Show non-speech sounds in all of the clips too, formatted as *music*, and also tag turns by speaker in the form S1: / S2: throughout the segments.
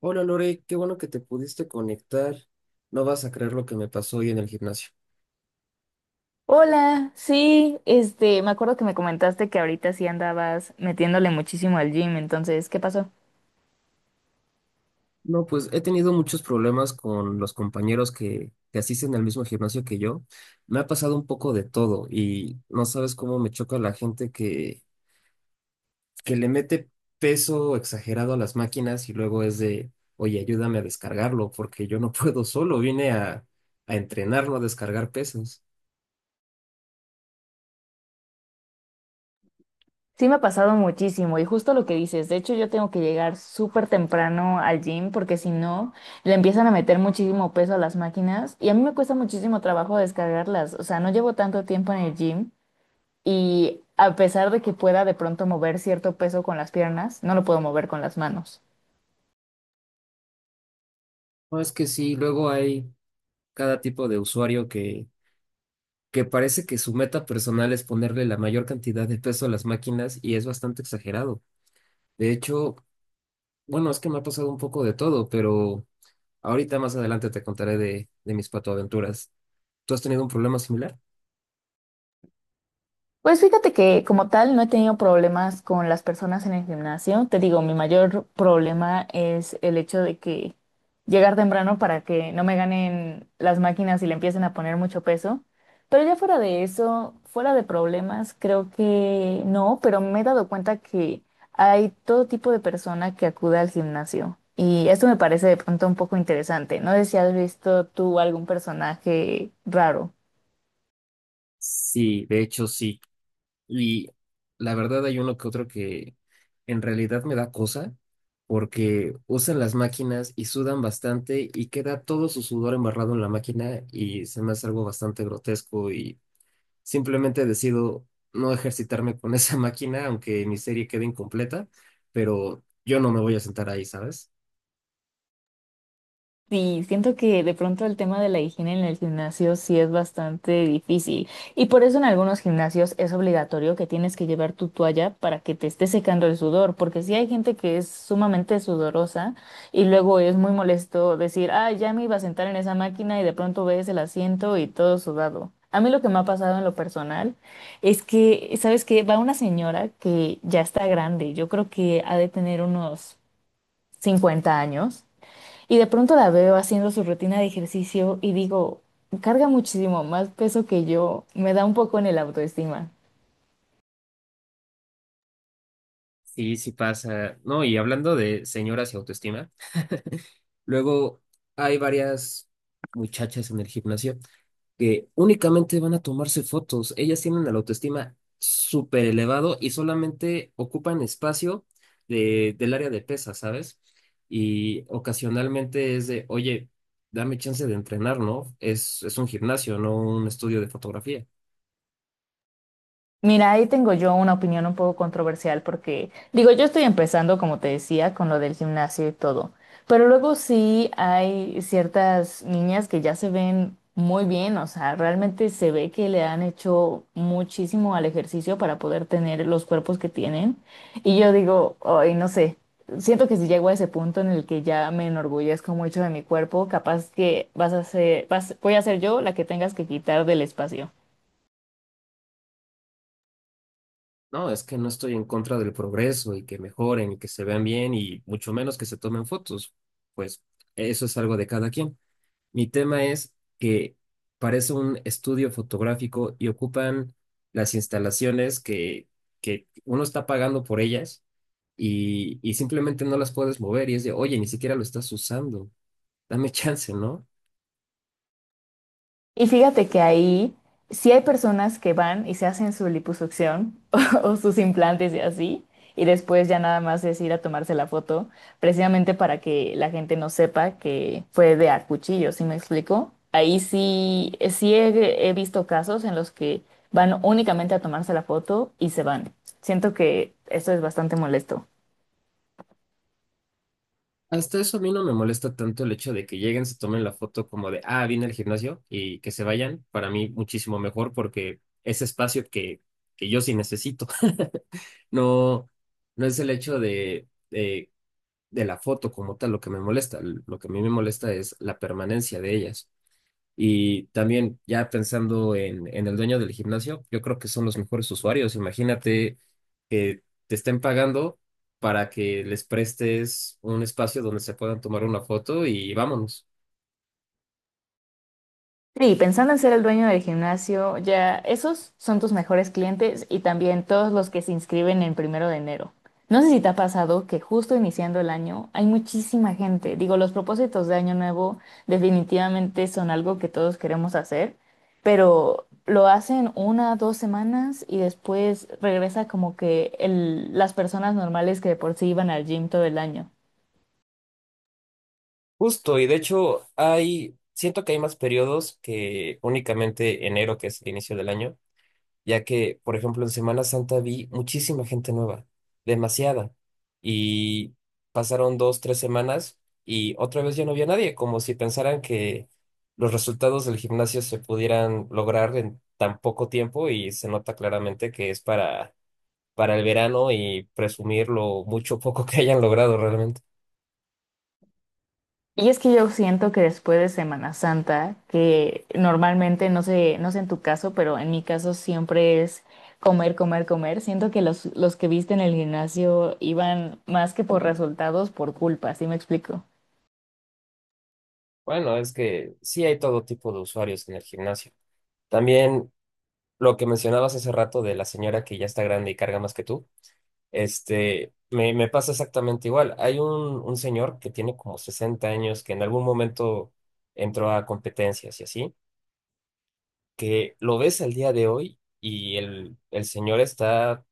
S1: Hola Lore, qué bueno que te pudiste conectar. No vas a creer lo que me pasó hoy en el gimnasio.
S2: Hola, sí, me acuerdo que me comentaste que ahorita sí andabas metiéndole muchísimo al gym, entonces, ¿qué pasó?
S1: No, pues he tenido muchos problemas con los compañeros que asisten al mismo gimnasio que yo. Me ha pasado un poco de todo y no sabes cómo me choca la gente que le mete peso exagerado a las máquinas y luego es de, oye, ayúdame a descargarlo porque yo no *laughs* puedo solo, vine a entrenarlo, a descargar pesos.
S2: Sí, me ha pasado muchísimo y justo lo que dices, de hecho yo tengo que llegar súper temprano al gym porque si no, le empiezan a meter muchísimo peso a las máquinas y a mí me cuesta muchísimo trabajo descargarlas, o sea, no llevo tanto tiempo en el gym y a pesar de que pueda de pronto mover cierto peso con las piernas, no lo puedo mover con las manos.
S1: No, es que sí, luego hay cada tipo de usuario que parece que su meta personal es ponerle la mayor cantidad de peso a las máquinas y es bastante exagerado. De hecho, bueno, es que me ha pasado un poco de todo, pero ahorita más adelante te contaré de mis patoaventuras. ¿Tú has tenido un problema similar?
S2: Pues fíjate que como tal no he tenido problemas con las personas en el gimnasio. Te digo, mi mayor problema es el hecho de que llegar temprano para que no me ganen las máquinas y le empiecen a poner mucho peso. Pero ya fuera de eso, fuera de problemas, creo que no, pero me he dado cuenta que hay todo tipo de persona que acude al gimnasio. Y esto me parece de pronto un poco interesante. No sé si has visto tú algún personaje raro.
S1: Sí, de hecho sí. Y la verdad hay uno que otro que en realidad me da cosa porque usan las máquinas y sudan bastante y queda todo su sudor embarrado en la máquina y se me hace algo bastante grotesco y simplemente decido no ejercitarme con esa *laughs* máquina, aunque mi serie quede incompleta, pero yo no me voy a sentar ahí, ¿sabes?
S2: Sí, siento que de pronto el tema de la higiene en el gimnasio sí es bastante difícil y por eso en algunos gimnasios es obligatorio que tienes que llevar tu toalla para que te esté secando el sudor, porque sí hay gente que es sumamente sudorosa y luego es muy molesto decir, ah, ya me iba a sentar en esa máquina y de pronto ves el asiento y todo sudado. A mí lo que me ha pasado en lo personal es que, ¿sabes qué? Va una señora que ya está grande, yo creo que ha de tener unos 50 años. Y de pronto la veo haciendo su rutina de ejercicio y digo, carga muchísimo más peso que yo, me da un poco en el autoestima.
S1: Sí, sí pasa. No, y hablando de señoras y autoestima, luego hay varias muchachas en el gimnasio que únicamente van a tomarse fotos. Ellas tienen la autoestima súper elevado y solamente ocupan espacio del área de pesas, ¿sabes? Y ocasionalmente es de, oye, dame chance de entrenar, ¿no? Es un gimnasio, no un estudio de fotografía.
S2: Mira, ahí tengo yo una opinión un poco controversial porque, digo, yo estoy empezando, como te decía, con lo del gimnasio y todo, pero luego sí hay ciertas niñas que ya se ven muy bien, o sea, realmente se ve que le han hecho muchísimo al ejercicio para poder tener los cuerpos que tienen. Y yo digo, ay, no sé, siento que si llego a ese punto en el que ya me enorgullezco mucho de mi cuerpo, capaz que vas a ser, vas, voy a ser yo la que tengas que quitar del espacio.
S1: No, es que no estoy en contra del progreso y que mejoren y que se vean bien y mucho menos que se tomen fotos. Pues eso es algo de cada quien. Mi tema es que parece un estudio fotográfico y ocupan las instalaciones que uno está pagando por ellas y simplemente no las puedes mover y es de, oye, ni siquiera lo estás usando, dame *laughs* chance, ¿no?
S2: Y fíjate que ahí sí hay personas que van y se hacen su liposucción *laughs* o sus implantes y así, y después ya nada más es ir a tomarse la foto, precisamente para que la gente no sepa que fue de a cuchillo, ¿sí me explico? Ahí sí, sí he visto casos en los que van únicamente a tomarse la foto y se van. Siento que esto es bastante molesto.
S1: Hasta eso a mí no me molesta tanto el hecho de que lleguen, se tomen la foto como de, ah, vine al gimnasio y que se vayan, para mí muchísimo mejor porque ese espacio que yo sí necesito, *laughs* no, no es el hecho de... de la foto como tal lo que me molesta. Lo que a mí me molesta es la permanencia de ellas. Y también ya pensando en el dueño del gimnasio, yo creo que son los mejores usuarios. Imagínate que te estén pagando para que les prestes un espacio donde se puedan tomar una foto y vámonos.
S2: Sí, pensando en ser el dueño del gimnasio, ya esos son tus mejores clientes y también todos los que se inscriben en 1 de enero. No sé si te ha pasado que justo iniciando el año hay muchísima gente. Digo, los propósitos de año nuevo definitivamente son algo que todos queremos hacer, pero lo hacen una, 2 semanas y después regresa como que las personas normales que de por sí iban al gym todo el año.
S1: Justo, y de hecho hay, siento que hay más periodos que únicamente enero, que es el inicio del año, ya que, por ejemplo, en Semana Santa vi muchísima gente nueva, demasiada, y pasaron dos, tres semanas y otra vez ya no había nadie, como si pensaran que los resultados del gimnasio se pudieran lograr en tan poco tiempo y se nota claramente que es para el verano y presumir lo mucho o poco que hayan logrado realmente.
S2: Y es que yo siento que después de Semana Santa, que normalmente, no sé en tu caso, pero en mi caso siempre es comer, comer, comer. Siento que los que viste en el gimnasio iban más que por resultados, por culpa, ¿sí me explico?
S1: Bueno, es que sí hay todo tipo de usuarios en el gimnasio. También lo que mencionabas hace rato de la señora que ya está grande y carga más que tú. Este, me pasa exactamente igual. Hay un señor que tiene como 60 años, que en algún momento entró a competencias y así, que lo ves al día de hoy y el señor está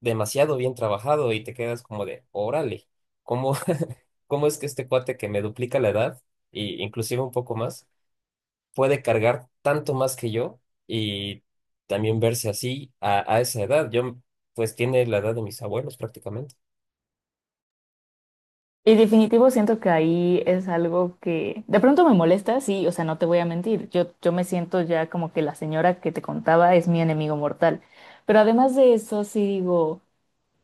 S1: demasiado bien trabajado y te quedas como de, órale, ¿cómo, *laughs* cómo es que este cuate que me duplica la edad, y inclusive un poco más, puede cargar tanto más que yo y también verse así a esa edad? Yo, pues tiene la edad de mis abuelos prácticamente.
S2: Y definitivo siento que ahí es algo que de pronto me molesta, sí, o sea, no te voy a mentir. Yo me siento ya como que la señora que te contaba es mi enemigo mortal. Pero además de eso, sí digo.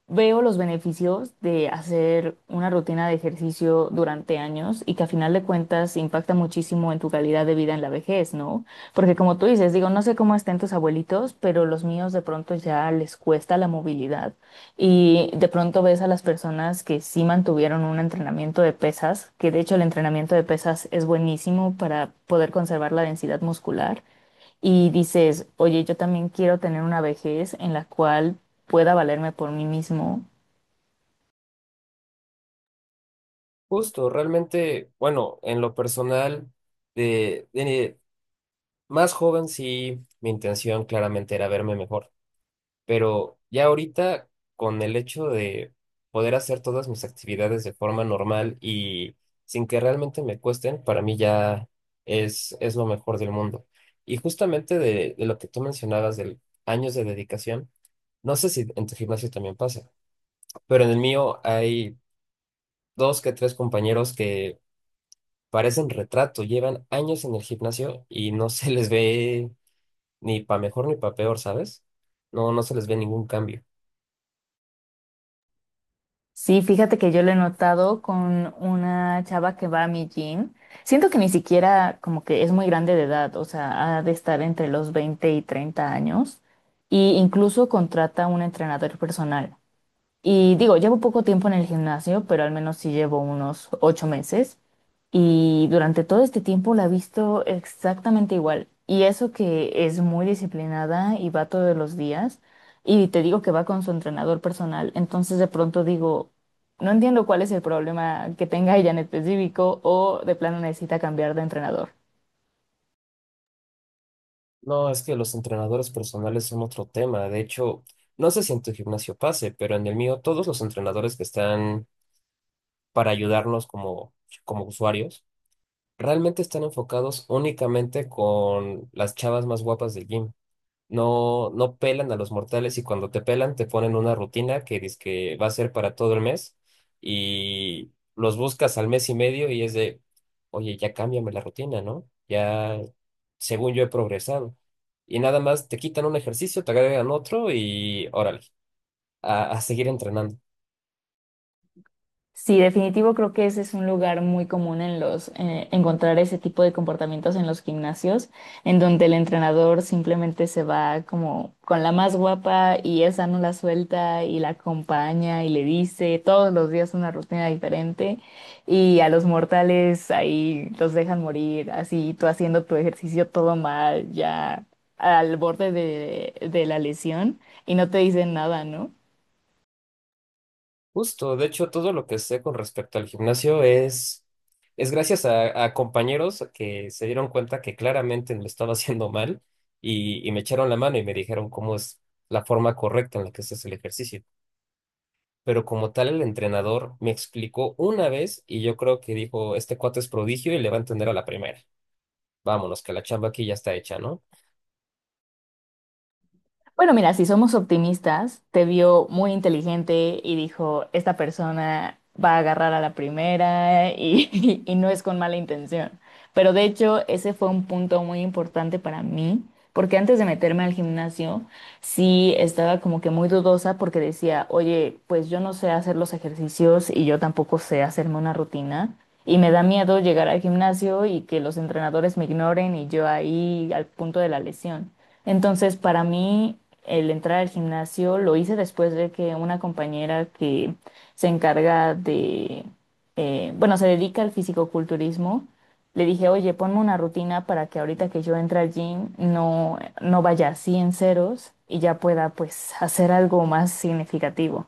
S2: Veo los beneficios de hacer una rutina de ejercicio durante años y que a final de cuentas impacta muchísimo en tu calidad de vida en la vejez, ¿no? Porque como tú dices, digo, no sé cómo estén tus abuelitos, pero los míos de pronto ya les cuesta la movilidad y de pronto ves a las personas que sí mantuvieron un entrenamiento de pesas, que de hecho el entrenamiento de pesas es buenísimo para poder conservar la densidad muscular y dices, oye, yo también quiero tener una vejez en la cual pueda valerme por mí mismo.
S1: Justo, realmente, bueno, en lo personal, de más joven sí, mi intención claramente era verme mejor, pero ya ahorita con el hecho de poder hacer todas mis actividades de forma normal y sin que realmente me cuesten, para mí ya es lo mejor del mundo. Y justamente de lo que tú mencionabas del años de dedicación, no sé si en tu gimnasio también pasa, pero en el mío hay dos que tres compañeros que parecen retrato, llevan años en el gimnasio y no se les ve ni para mejor ni para peor, ¿sabes? No, no se les ve ningún cambio.
S2: Sí, fíjate que yo lo he notado con una chava que va a mi gym. Siento que ni siquiera como que es muy grande de edad, o sea, ha de estar entre los 20 y 30 años, y incluso contrata un entrenador personal. Y digo, llevo poco tiempo en el gimnasio, pero al menos sí llevo unos 8 meses. Y durante todo este tiempo la he visto exactamente igual. Y eso que es muy disciplinada y va todos los días. Y te digo que va con su entrenador personal. Entonces de pronto digo, no entiendo cuál es el problema que tenga ella en específico o de plano necesita cambiar de entrenador.
S1: No, es que los entrenadores personales son otro tema. De hecho, no sé si en tu gimnasio pase, pero en el mío todos los entrenadores que están para ayudarnos como usuarios realmente están enfocados únicamente con las chavas más guapas del gym. No, no pelan a los mortales y cuando te pelan te ponen una rutina que dice que va a ser para todo el mes y los buscas al mes y medio y es de, oye, ya cámbiame la rutina, ¿no? Ya, según yo he progresado. Y nada más te quitan un ejercicio, te agregan otro y órale, a seguir entrenando.
S2: Sí, definitivo, creo que ese es un lugar muy común en los encontrar ese tipo de comportamientos en los gimnasios, en donde el entrenador simplemente se va como con la más guapa y esa no la suelta y la acompaña y le dice todos los días una rutina diferente y a los mortales ahí los dejan morir, así tú haciendo tu ejercicio todo mal, ya al borde de la lesión y no te dicen nada, ¿no?
S1: Justo, de hecho, todo lo que sé con respecto al gimnasio es gracias a compañeros que se dieron cuenta que claramente lo estaba *laughs* haciendo mal y me echaron la mano y me dijeron cómo es la forma correcta en la que se el ejercicio. Pero como tal, el entrenador me explicó una vez y yo creo que dijo, este cuate es prodigio y le va a entender a la primera. Vámonos, que la chamba aquí ya está hecha, ¿no?
S2: Bueno, mira, si somos optimistas, te vio muy inteligente y dijo, esta persona va a agarrar a la primera y, *laughs* y no es con mala intención. Pero de hecho, ese fue un punto muy importante para mí, porque antes de meterme al gimnasio, sí estaba como que muy dudosa porque decía, oye, pues yo no sé hacer los ejercicios y yo tampoco sé hacerme una rutina. Y me da miedo llegar al gimnasio y que los entrenadores me ignoren y yo ahí al punto de la lesión. Entonces, para mí, el entrar al gimnasio lo hice después de que una compañera que se encarga de, bueno, se dedica al fisicoculturismo, le dije, oye, ponme una rutina para que ahorita que yo entre al gym no vaya así en ceros y ya pueda pues hacer algo más significativo.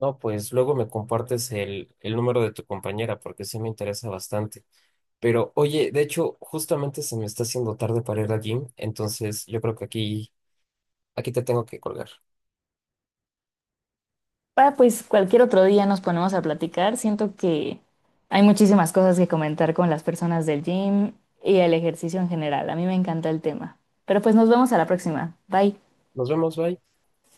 S1: No, pues luego me compartes el número de tu compañera porque sí me interesa bastante. Pero oye, de hecho, justamente se me está haciendo tarde para ir al gym, entonces yo creo que aquí, aquí te tengo que colgar.
S2: Ah, pues cualquier otro día nos ponemos a platicar. Siento que hay muchísimas cosas que comentar con las personas del gym y el ejercicio en general. A mí me encanta el tema. Pero pues nos vemos a la próxima. Bye.
S1: Nos vemos, bye.